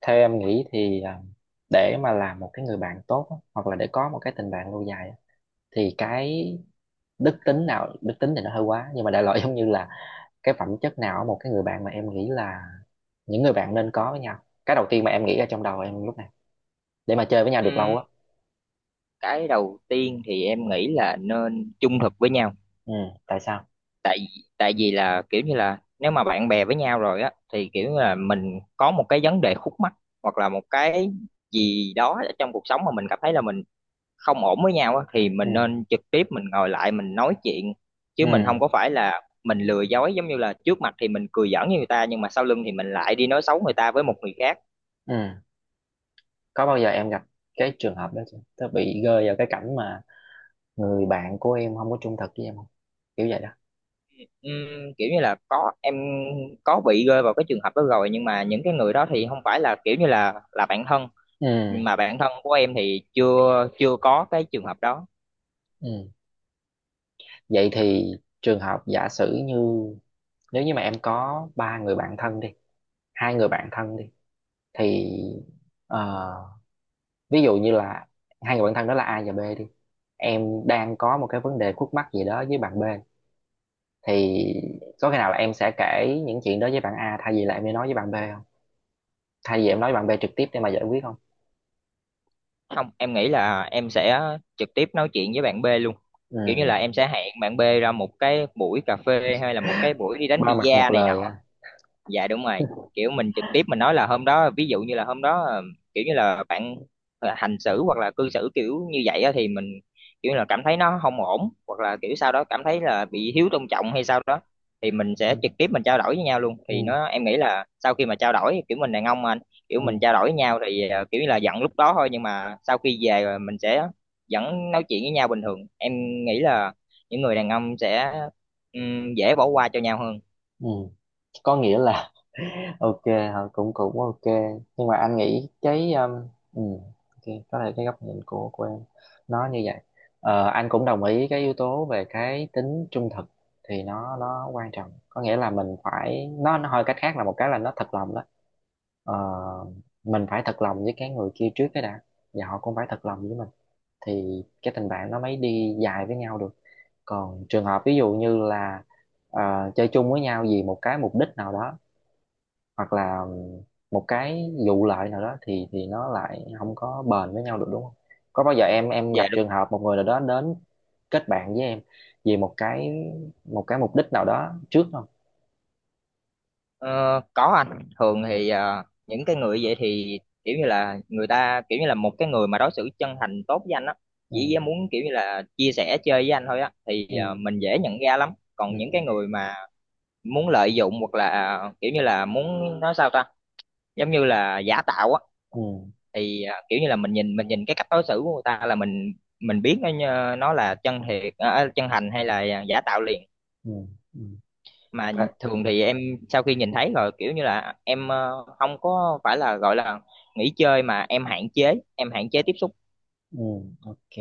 Theo em nghĩ thì để mà làm một cái người bạn tốt á, hoặc là để có một cái tình bạn lâu dài á, thì cái đức tính nào, đức tính thì nó hơi quá nhưng mà đại loại giống như là cái phẩm chất nào ở một cái người bạn mà em nghĩ là những người bạn nên có với nhau, cái đầu tiên mà em nghĩ ra trong đầu em lúc này để mà chơi với nhau được Ừm, lâu á. cái đầu tiên thì em nghĩ là nên trung thực với nhau. Ừ. Tại sao? Tại tại vì là kiểu như là nếu mà bạn bè với nhau rồi á thì kiểu như là mình có một cái vấn đề khúc mắc hoặc là một cái gì đó ở trong cuộc sống mà mình cảm thấy là mình không ổn với nhau á, thì Ừ. mình nên trực tiếp mình ngồi lại mình nói chuyện, chứ mình Ừ. không có phải là mình lừa dối, giống như là trước mặt thì mình cười giỡn với người ta nhưng mà sau lưng thì mình lại đi nói xấu người ta với một người khác. Ừ. Có bao giờ em gặp cái trường hợp đó chưa, tớ bị rơi vào cái cảnh mà người bạn của em không có trung thực với em không, kiểu vậy đó? Kiểu như là có, em có bị rơi vào cái trường hợp đó rồi, nhưng mà những cái người đó thì không phải là kiểu như là bạn thân. Ừ. Nhưng mà bạn thân của em thì chưa chưa có cái trường hợp đó. Ừ. Vậy thì trường hợp giả sử như nếu như mà em có ba người bạn thân đi, hai người bạn thân đi thì ờ, ví dụ như là hai người bạn thân đó là A và B đi. Em đang có một cái vấn đề khúc mắc gì đó với bạn B thì có khi nào là em sẽ kể những chuyện đó với bạn A thay vì là em đi nói với bạn B không? Thay vì em nói với bạn B trực tiếp để mà giải quyết không? Không, em nghĩ là em sẽ trực tiếp nói chuyện với bạn B luôn. Ừ, Kiểu như là em sẽ hẹn bạn B ra một cái buổi cà phê hay là một cái buổi đi đánh ba mặt một bi-a này nọ. lời à. Dạ đúng rồi, kiểu mình trực tiếp mình nói là hôm đó, ví dụ như là hôm đó kiểu như là bạn hành xử hoặc là cư xử kiểu như vậy á, thì mình kiểu như là cảm thấy nó không ổn, hoặc là kiểu sau đó cảm thấy là bị thiếu tôn trọng hay sao đó, thì mình Ừ. sẽ trực tiếp mình trao đổi với nhau luôn, thì Ừ. nó em nghĩ là sau khi mà trao đổi kiểu mình đàn ông mà anh, kiểu mình Ừ. trao đổi với nhau thì kiểu như là giận lúc đó thôi nhưng mà sau khi về rồi mình sẽ vẫn nói chuyện với nhau bình thường. Em nghĩ là những người đàn ông sẽ dễ bỏ qua cho nhau hơn. Ừ. Có nghĩa là ok hả? Cũng cũng ok, nhưng mà anh nghĩ cái ừ, ok, có thể cái góc nhìn của em nó như vậy. Anh cũng đồng ý cái yếu tố về cái tính trung thực thì nó quan trọng, có nghĩa là mình phải, nó hơi cách khác là một cái là nó thật lòng đó. Ờ, mình phải thật lòng với cái người kia trước cái đã, và họ cũng phải thật lòng với mình thì cái tình bạn nó mới đi dài với nhau được. Còn trường hợp ví dụ như là chơi chung với nhau vì một cái mục đích nào đó, hoặc là một cái vụ lợi nào đó thì nó lại không có bền với nhau được, đúng không? Có bao giờ em Dạ. gặp trường hợp một người nào đó đến kết bạn với em vì một cái mục đích nào đó trước không? Ờ, có, anh thường thì Ừ. Những cái người vậy thì kiểu như là người ta kiểu như là một cái người mà đối xử chân thành tốt với anh á, Ừ. chỉ muốn kiểu như là chia sẻ chơi với anh thôi á, thì Ừ. Mình dễ nhận ra lắm. Còn Ừ. những cái người mà muốn lợi dụng hoặc là kiểu như là muốn nói sao ta, giống như là giả tạo á, Ừ. thì kiểu như là mình nhìn cái cách đối xử của người ta là mình biết nó nó là chân thiệt, chân thành hay là giả tạo liền. Ừ. Ừ. Mà thường thì em sau khi nhìn thấy rồi kiểu như là em, không có phải là gọi là nghỉ chơi mà em hạn chế, em hạn chế tiếp xúc. Ừ. Ok.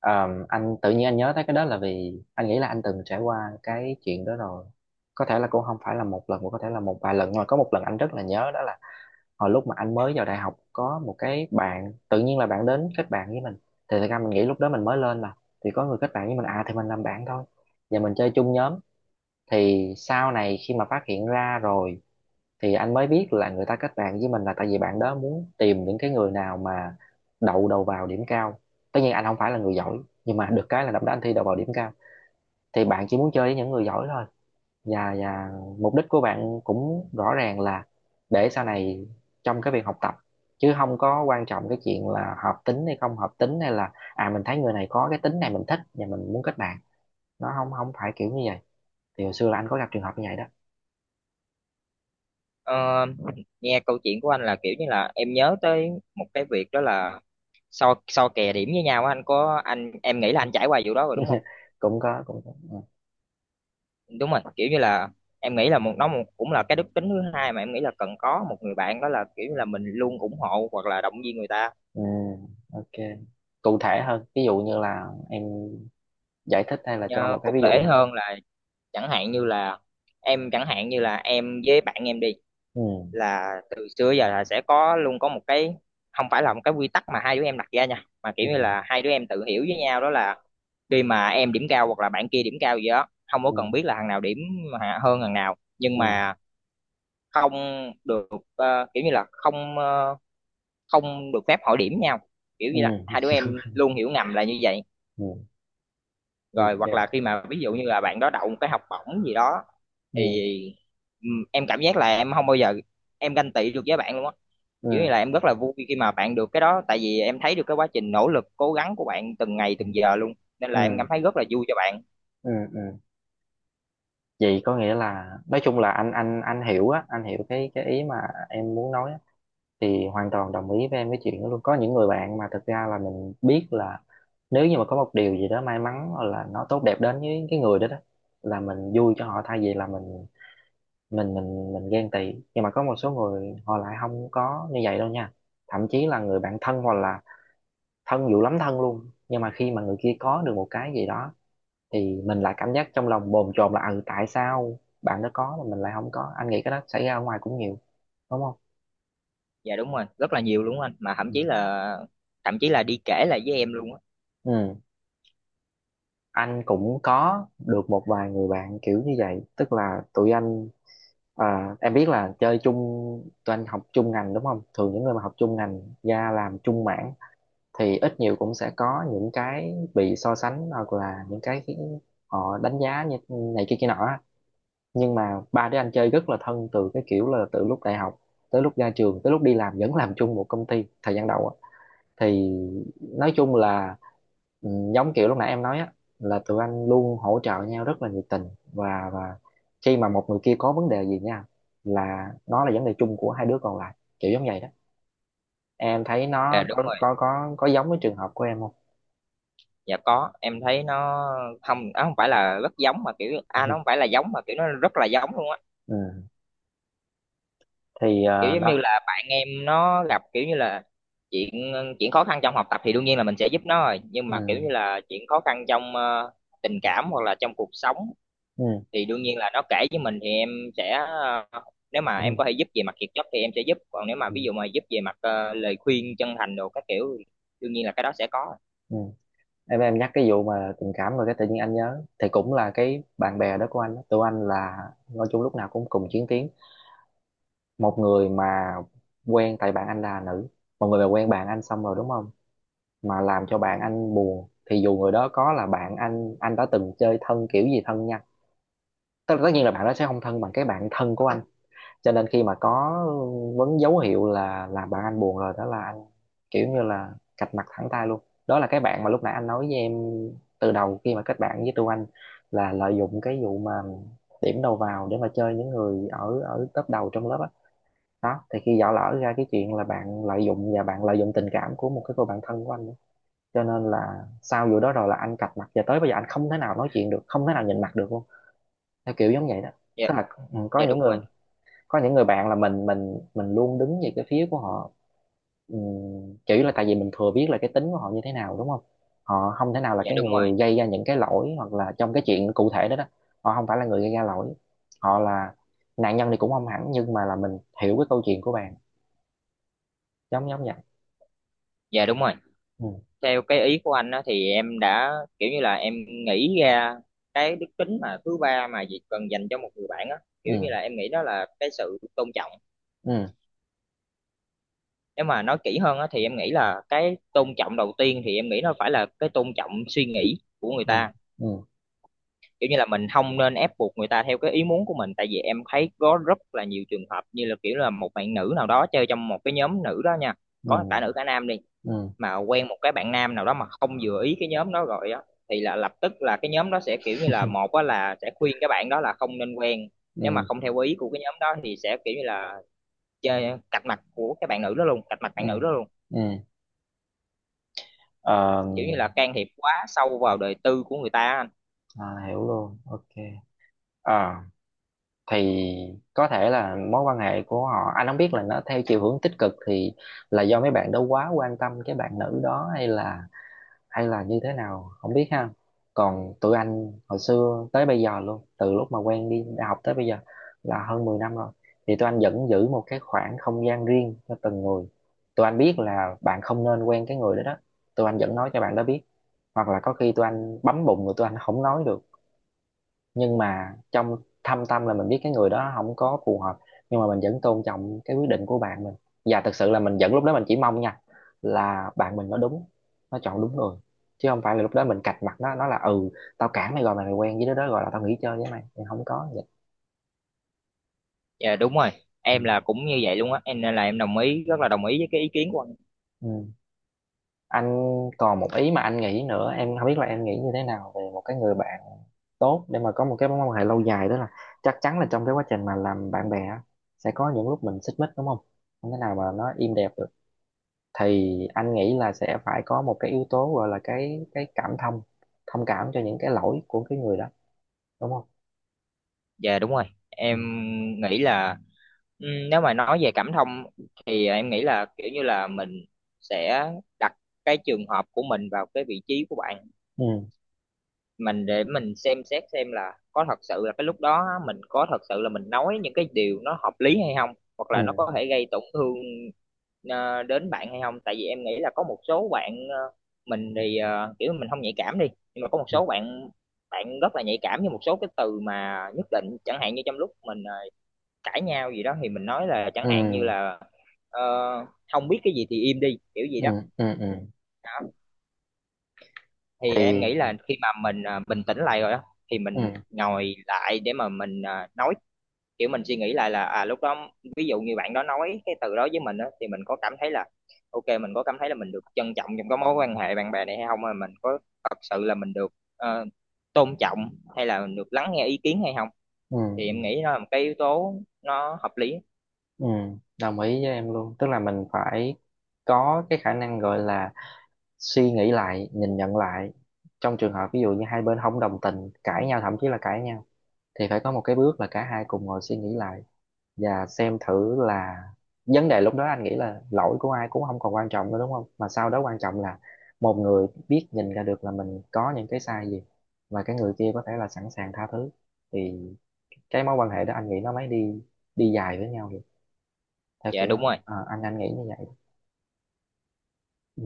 Anh tự nhiên anh nhớ tới cái đó là vì anh nghĩ là anh từng trải qua cái chuyện đó rồi. Có thể là cũng không phải là một lần, mà có thể là một vài lần. Nhưng mà có một lần anh rất là nhớ, đó là hồi lúc mà anh mới vào đại học có một cái bạn, tự nhiên là bạn đến kết bạn với mình. Thì thật ra mình nghĩ lúc đó mình mới lên mà. Thì có người kết bạn với mình, à thì mình làm bạn thôi. Và mình chơi chung nhóm. Thì sau này khi mà phát hiện ra rồi thì anh mới biết là người ta kết bạn với mình là tại vì bạn đó muốn tìm những cái người nào mà đậu đầu vào điểm cao. Tất nhiên anh không phải là người giỏi, nhưng mà được cái là năm đó anh thi đậu vào điểm cao, thì bạn chỉ muốn chơi với những người giỏi thôi. Và mục đích của bạn cũng rõ ràng là để sau này trong cái việc học tập, chứ không có quan trọng cái chuyện là hợp tính hay không hợp tính, hay là mình thấy người này có cái tính này mình thích và mình muốn kết bạn. Nó không không phải kiểu như vậy. Thì hồi xưa là anh có gặp trường hợp như vậy đó. Ờ, nghe câu chuyện của anh là kiểu như là em nhớ tới một cái việc đó là so so kè điểm với nhau á, anh có, anh em nghĩ là anh trải qua vụ đó rồi đúng không. Cũng có, cũng có. Ừ. Đúng rồi, kiểu như là em nghĩ là một nó một, cũng là cái đức tính thứ hai mà em nghĩ là cần có một người bạn, đó là kiểu như là mình luôn ủng hộ hoặc là động viên người ta. Ừ, ok. Cụ thể hơn, ví dụ như là em giải thích hay là cho Ờ, một cái cụ ví dụ thể nào đó. hơn là chẳng hạn như là em, chẳng hạn như là em với bạn em đi, Ừ. là từ xưa giờ là sẽ có luôn có một cái, không phải là một cái quy tắc mà hai đứa em đặt ra nha, mà kiểu Ừ. như là hai đứa em tự hiểu với nhau, đó là khi mà em điểm cao hoặc là bạn kia điểm cao gì đó, không có Ừ. cần biết là thằng nào điểm hơn thằng nào, nhưng Ừ. mà không được, kiểu như là không, không được phép hỏi điểm nhau. Kiểu Ừ. như là hai đứa em luôn hiểu ngầm là như vậy. Ừ. Rồi hoặc Ok. là khi mà ví dụ như là bạn đó đậu một cái học bổng gì đó, Ừ. thì em cảm giác là em không bao giờ em ganh tị được với bạn luôn á. Ừ. Kiểu như là em rất là vui khi mà bạn được cái đó, tại vì em thấy được cái quá trình nỗ lực cố gắng của bạn từng ngày Ừ. từng giờ luôn, nên là em Ừ. cảm thấy rất là vui cho bạn. Ừ. Ừ. Vậy có nghĩa là nói chung là anh hiểu á, anh hiểu cái ý mà em muốn nói á, thì hoàn toàn đồng ý với em cái chuyện đó luôn. Có những người bạn mà thực ra là mình biết là nếu như mà có một điều gì đó may mắn hoặc là nó tốt đẹp đến với cái người đó đó, là mình vui cho họ thay vì là mình ghen tị. Nhưng mà có một số người họ lại không có như vậy đâu nha, thậm chí là người bạn thân, hoặc là thân dữ lắm, thân luôn, nhưng mà khi mà người kia có được một cái gì đó thì mình lại cảm giác trong lòng bồn chồn là ừ tại sao bạn đó có mà mình lại không có. Anh nghĩ cái đó xảy ra ở ngoài cũng nhiều, đúng không? Dạ đúng rồi, rất là nhiều luôn anh, mà thậm Ừ. chí là, thậm chí là đi kể lại với em luôn á. Ừ. Anh cũng có được một vài người bạn kiểu như vậy, tức là tụi anh, em biết là chơi chung, tụi anh học chung ngành đúng không, thường những người mà học chung ngành ra làm chung mảng thì ít nhiều cũng sẽ có những cái bị so sánh, hoặc là những cái khiến họ đánh giá như này kia kia nọ á. Nhưng mà ba đứa anh chơi rất là thân, từ cái kiểu là từ lúc đại học tới lúc ra trường tới lúc đi làm vẫn làm chung một công ty thời gian đầu á. Thì nói chung là ừ, giống kiểu lúc nãy em nói á, là tụi anh luôn hỗ trợ nhau rất là nhiệt tình. Và khi mà một người kia có vấn đề gì nha, là nó là vấn đề chung của hai đứa còn lại, kiểu giống vậy đó. Em thấy nó Dạ đúng có rồi, có có có giống với trường hợp của em không? dạ có, em thấy nó không, nó không phải là rất giống mà kiểu à, nó không phải là giống mà kiểu nó rất là giống luôn á. Ừ. Thì Kiểu giống như đó. là bạn em nó gặp kiểu như là chuyện chuyện khó khăn trong học tập thì đương nhiên là mình sẽ giúp nó rồi, nhưng Ừ. mà kiểu như là chuyện khó khăn trong tình cảm hoặc là trong cuộc sống, Ừ. thì đương nhiên là nó kể với mình thì em sẽ ờ, nếu mà Ừ. em có thể giúp về mặt kiệt chất thì em sẽ giúp, còn nếu mà ví Ừ. dụ mà giúp về mặt lời khuyên chân thành đồ các kiểu thì đương nhiên là cái đó sẽ có. Ừ. Em nhắc cái vụ mà tình cảm rồi cái tự nhiên anh nhớ, thì cũng là cái bạn bè đó của anh đó. Tụi anh là nói chung lúc nào cũng cùng chiến tuyến. Một người mà quen, tại bạn anh là nữ, một người mà quen bạn anh xong rồi đúng không, mà làm cho bạn anh buồn thì dù người đó có là bạn anh đã từng chơi thân kiểu gì thân nha, tất tất nhiên là bạn đó sẽ không thân bằng cái bạn thân của anh, cho nên khi mà có vấn, dấu hiệu là làm bạn anh buồn rồi đó là anh kiểu như là cạch mặt thẳng tay luôn. Đó là cái bạn mà lúc nãy anh nói với em, từ đầu khi mà kết bạn với Trương Anh là lợi dụng cái vụ mà điểm đầu vào để mà chơi những người ở ở top đầu trong lớp á đó. Thì khi dở lỡ ra cái chuyện là bạn lợi dụng, và bạn lợi dụng tình cảm của một cái cô bạn thân của anh đó, cho nên là sau vụ đó rồi là anh cạch mặt, và tới bây giờ anh không thể nào nói chuyện được, không thể nào nhìn mặt được luôn, theo kiểu giống vậy đó. Dạ. Tức là ừ, Dạ đúng rồi. có những người bạn là mình luôn đứng về cái phía của họ. Ừm, Chủ yếu là tại vì mình thừa biết là cái tính của họ như thế nào, đúng không, họ không thể nào là Dạ cái đúng rồi. người gây ra những cái lỗi hoặc là trong cái chuyện cụ thể đó đó, họ không phải là người gây ra lỗi, họ là nạn nhân thì cũng không hẳn, nhưng mà là mình hiểu cái câu chuyện của bạn, giống giống vậy. Dạ đúng rồi. Ừ. Theo cái ý của anh á thì em đã kiểu như là em nghĩ ra cái đức tính mà thứ ba mà Việt cần dành cho một người bạn á, kiểu như Ừ. là em nghĩ đó là cái sự tôn trọng. Ừ. Nếu mà nói kỹ hơn á thì em nghĩ là cái tôn trọng đầu tiên thì em nghĩ nó phải là cái tôn trọng suy nghĩ của người Ừ. ta. Ừ. Kiểu như là mình không nên ép buộc người ta theo cái ý muốn của mình, tại vì em thấy có rất là nhiều trường hợp như là kiểu là một bạn nữ nào đó chơi trong một cái nhóm nữ đó nha, có cả nữ cả nam đi, Ừ. Ừ. mà quen một cái bạn nam nào đó mà không vừa ý cái nhóm đó rồi á, thì là lập tức là cái nhóm đó sẽ kiểu như là một á là sẽ khuyên cái bạn đó là không nên quen. Nếu Ừ. mà không theo ý của cái nhóm đó thì sẽ kiểu như là chơi cạch mặt của cái bạn nữ đó luôn, cạch mặt Ừ. bạn nữ đó luôn. Ừ. Ờ, Kiểu như là can thiệp quá sâu vào đời tư của người ta. À, hiểu luôn, ok. Ờ thì có thể là mối quan hệ của họ anh không biết là nó theo chiều hướng tích cực, thì là do mấy bạn đó quá quan tâm cái bạn nữ đó, hay là như thế nào không biết ha. Còn tụi anh hồi xưa tới bây giờ luôn, từ lúc mà quen đi đại học tới bây giờ là hơn 10 năm rồi, thì tụi anh vẫn giữ một cái khoảng không gian riêng cho từng người. Tụi anh biết là bạn không nên quen cái người đó đó, tụi anh vẫn nói cho bạn đó biết, hoặc là có khi tụi anh bấm bụng rồi tụi anh không nói được, nhưng mà trong thâm tâm là mình biết cái người đó không có phù hợp, nhưng mà mình vẫn tôn trọng cái quyết định của bạn mình. Và thực sự là mình vẫn, lúc đó mình chỉ mong nha, là bạn mình nó đúng, nó chọn đúng người, chứ không phải là lúc đó mình cạch mặt nó là ừ tao cản mày rồi mày quen với đứa đó rồi là tao nghỉ chơi với mày, thì không có vậy. Dạ đúng rồi, em Ừ. là cũng như vậy luôn á em, nên là em đồng ý, rất là đồng ý với cái ý kiến của anh. Ừ. Anh còn một ý mà anh nghĩ nữa, em không biết là em nghĩ như thế nào về một cái người bạn tốt để mà có một cái mối quan hệ lâu dài, đó là chắc chắn là trong cái quá trình mà làm bạn bè á, sẽ có những lúc mình xích mích đúng không, không thể nào mà nó im đẹp, thì anh nghĩ là sẽ phải có một cái yếu tố gọi là cái cảm thông, thông cảm cho những cái lỗi của cái người đó, đúng không? Dạ đúng rồi, Ừ. em nghĩ là ừ, nếu mà nói về cảm thông thì em nghĩ là kiểu như là mình sẽ đặt cái trường hợp của mình vào cái vị trí của bạn Ừ. mình, để mình xem xét xem là có thật sự là cái lúc đó á, mình có thật sự là mình nói những cái điều nó hợp lý hay không, hoặc Ừ. là nó có thể gây tổn thương đến bạn hay không, tại vì em nghĩ là có một số bạn mình thì kiểu mình không nhạy cảm đi, nhưng mà có một Ừ. số bạn, bạn rất là nhạy cảm với một số cái từ mà nhất định, chẳng hạn như trong lúc mình cãi nhau gì đó thì mình nói là chẳng hạn như Ừ. là ờ, không biết cái gì thì im đi kiểu gì Ừ. đó. Ừ. Ừ. À, thì em Thì. nghĩ là khi mà mình bình tĩnh lại rồi á thì Ừ. mình ngồi lại để mà mình nói, kiểu mình suy nghĩ lại là à lúc đó, ví dụ như bạn đó nói cái từ đó với mình á thì mình có cảm thấy là ok, mình có cảm thấy là mình được trân trọng trong cái mối quan hệ bạn bè này hay không, mà mình có thật sự là mình được ờ, tôn trọng hay là mình được lắng nghe ý kiến hay không. Ừ. Thì Ừ. em nghĩ nó là một cái yếu tố nó hợp lý. Ừ. Đồng ý với em luôn, tức là mình phải có cái khả năng gọi là suy nghĩ lại, nhìn nhận lại, trong trường hợp ví dụ như hai bên không đồng tình, cãi nhau, thậm chí là cãi nhau, thì phải có một cái bước là cả hai cùng ngồi suy nghĩ lại, và xem thử là vấn đề lúc đó anh nghĩ là lỗi của ai cũng không còn quan trọng nữa, đúng không, mà sau đó quan trọng là một người biết nhìn ra được là mình có những cái sai gì, và cái người kia có thể là sẵn sàng tha thứ, thì cái mối quan hệ đó anh nghĩ nó mới đi đi dài với nhau được, theo Dạ kiểu đúng đó. rồi. Ờ, anh nghĩ như vậy. Ừ.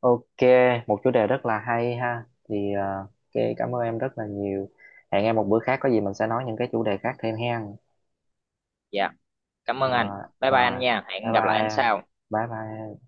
Ok, một chủ đề rất là hay ha, thì ok, cảm ơn em rất là nhiều, hẹn em một bữa khác có gì mình sẽ nói những cái chủ đề khác thêm hen. Dạ cảm Ờ, ơn anh. Bye bye anh Rồi, nha, hẹn bye bye gặp lại anh em, sau. bye bye em.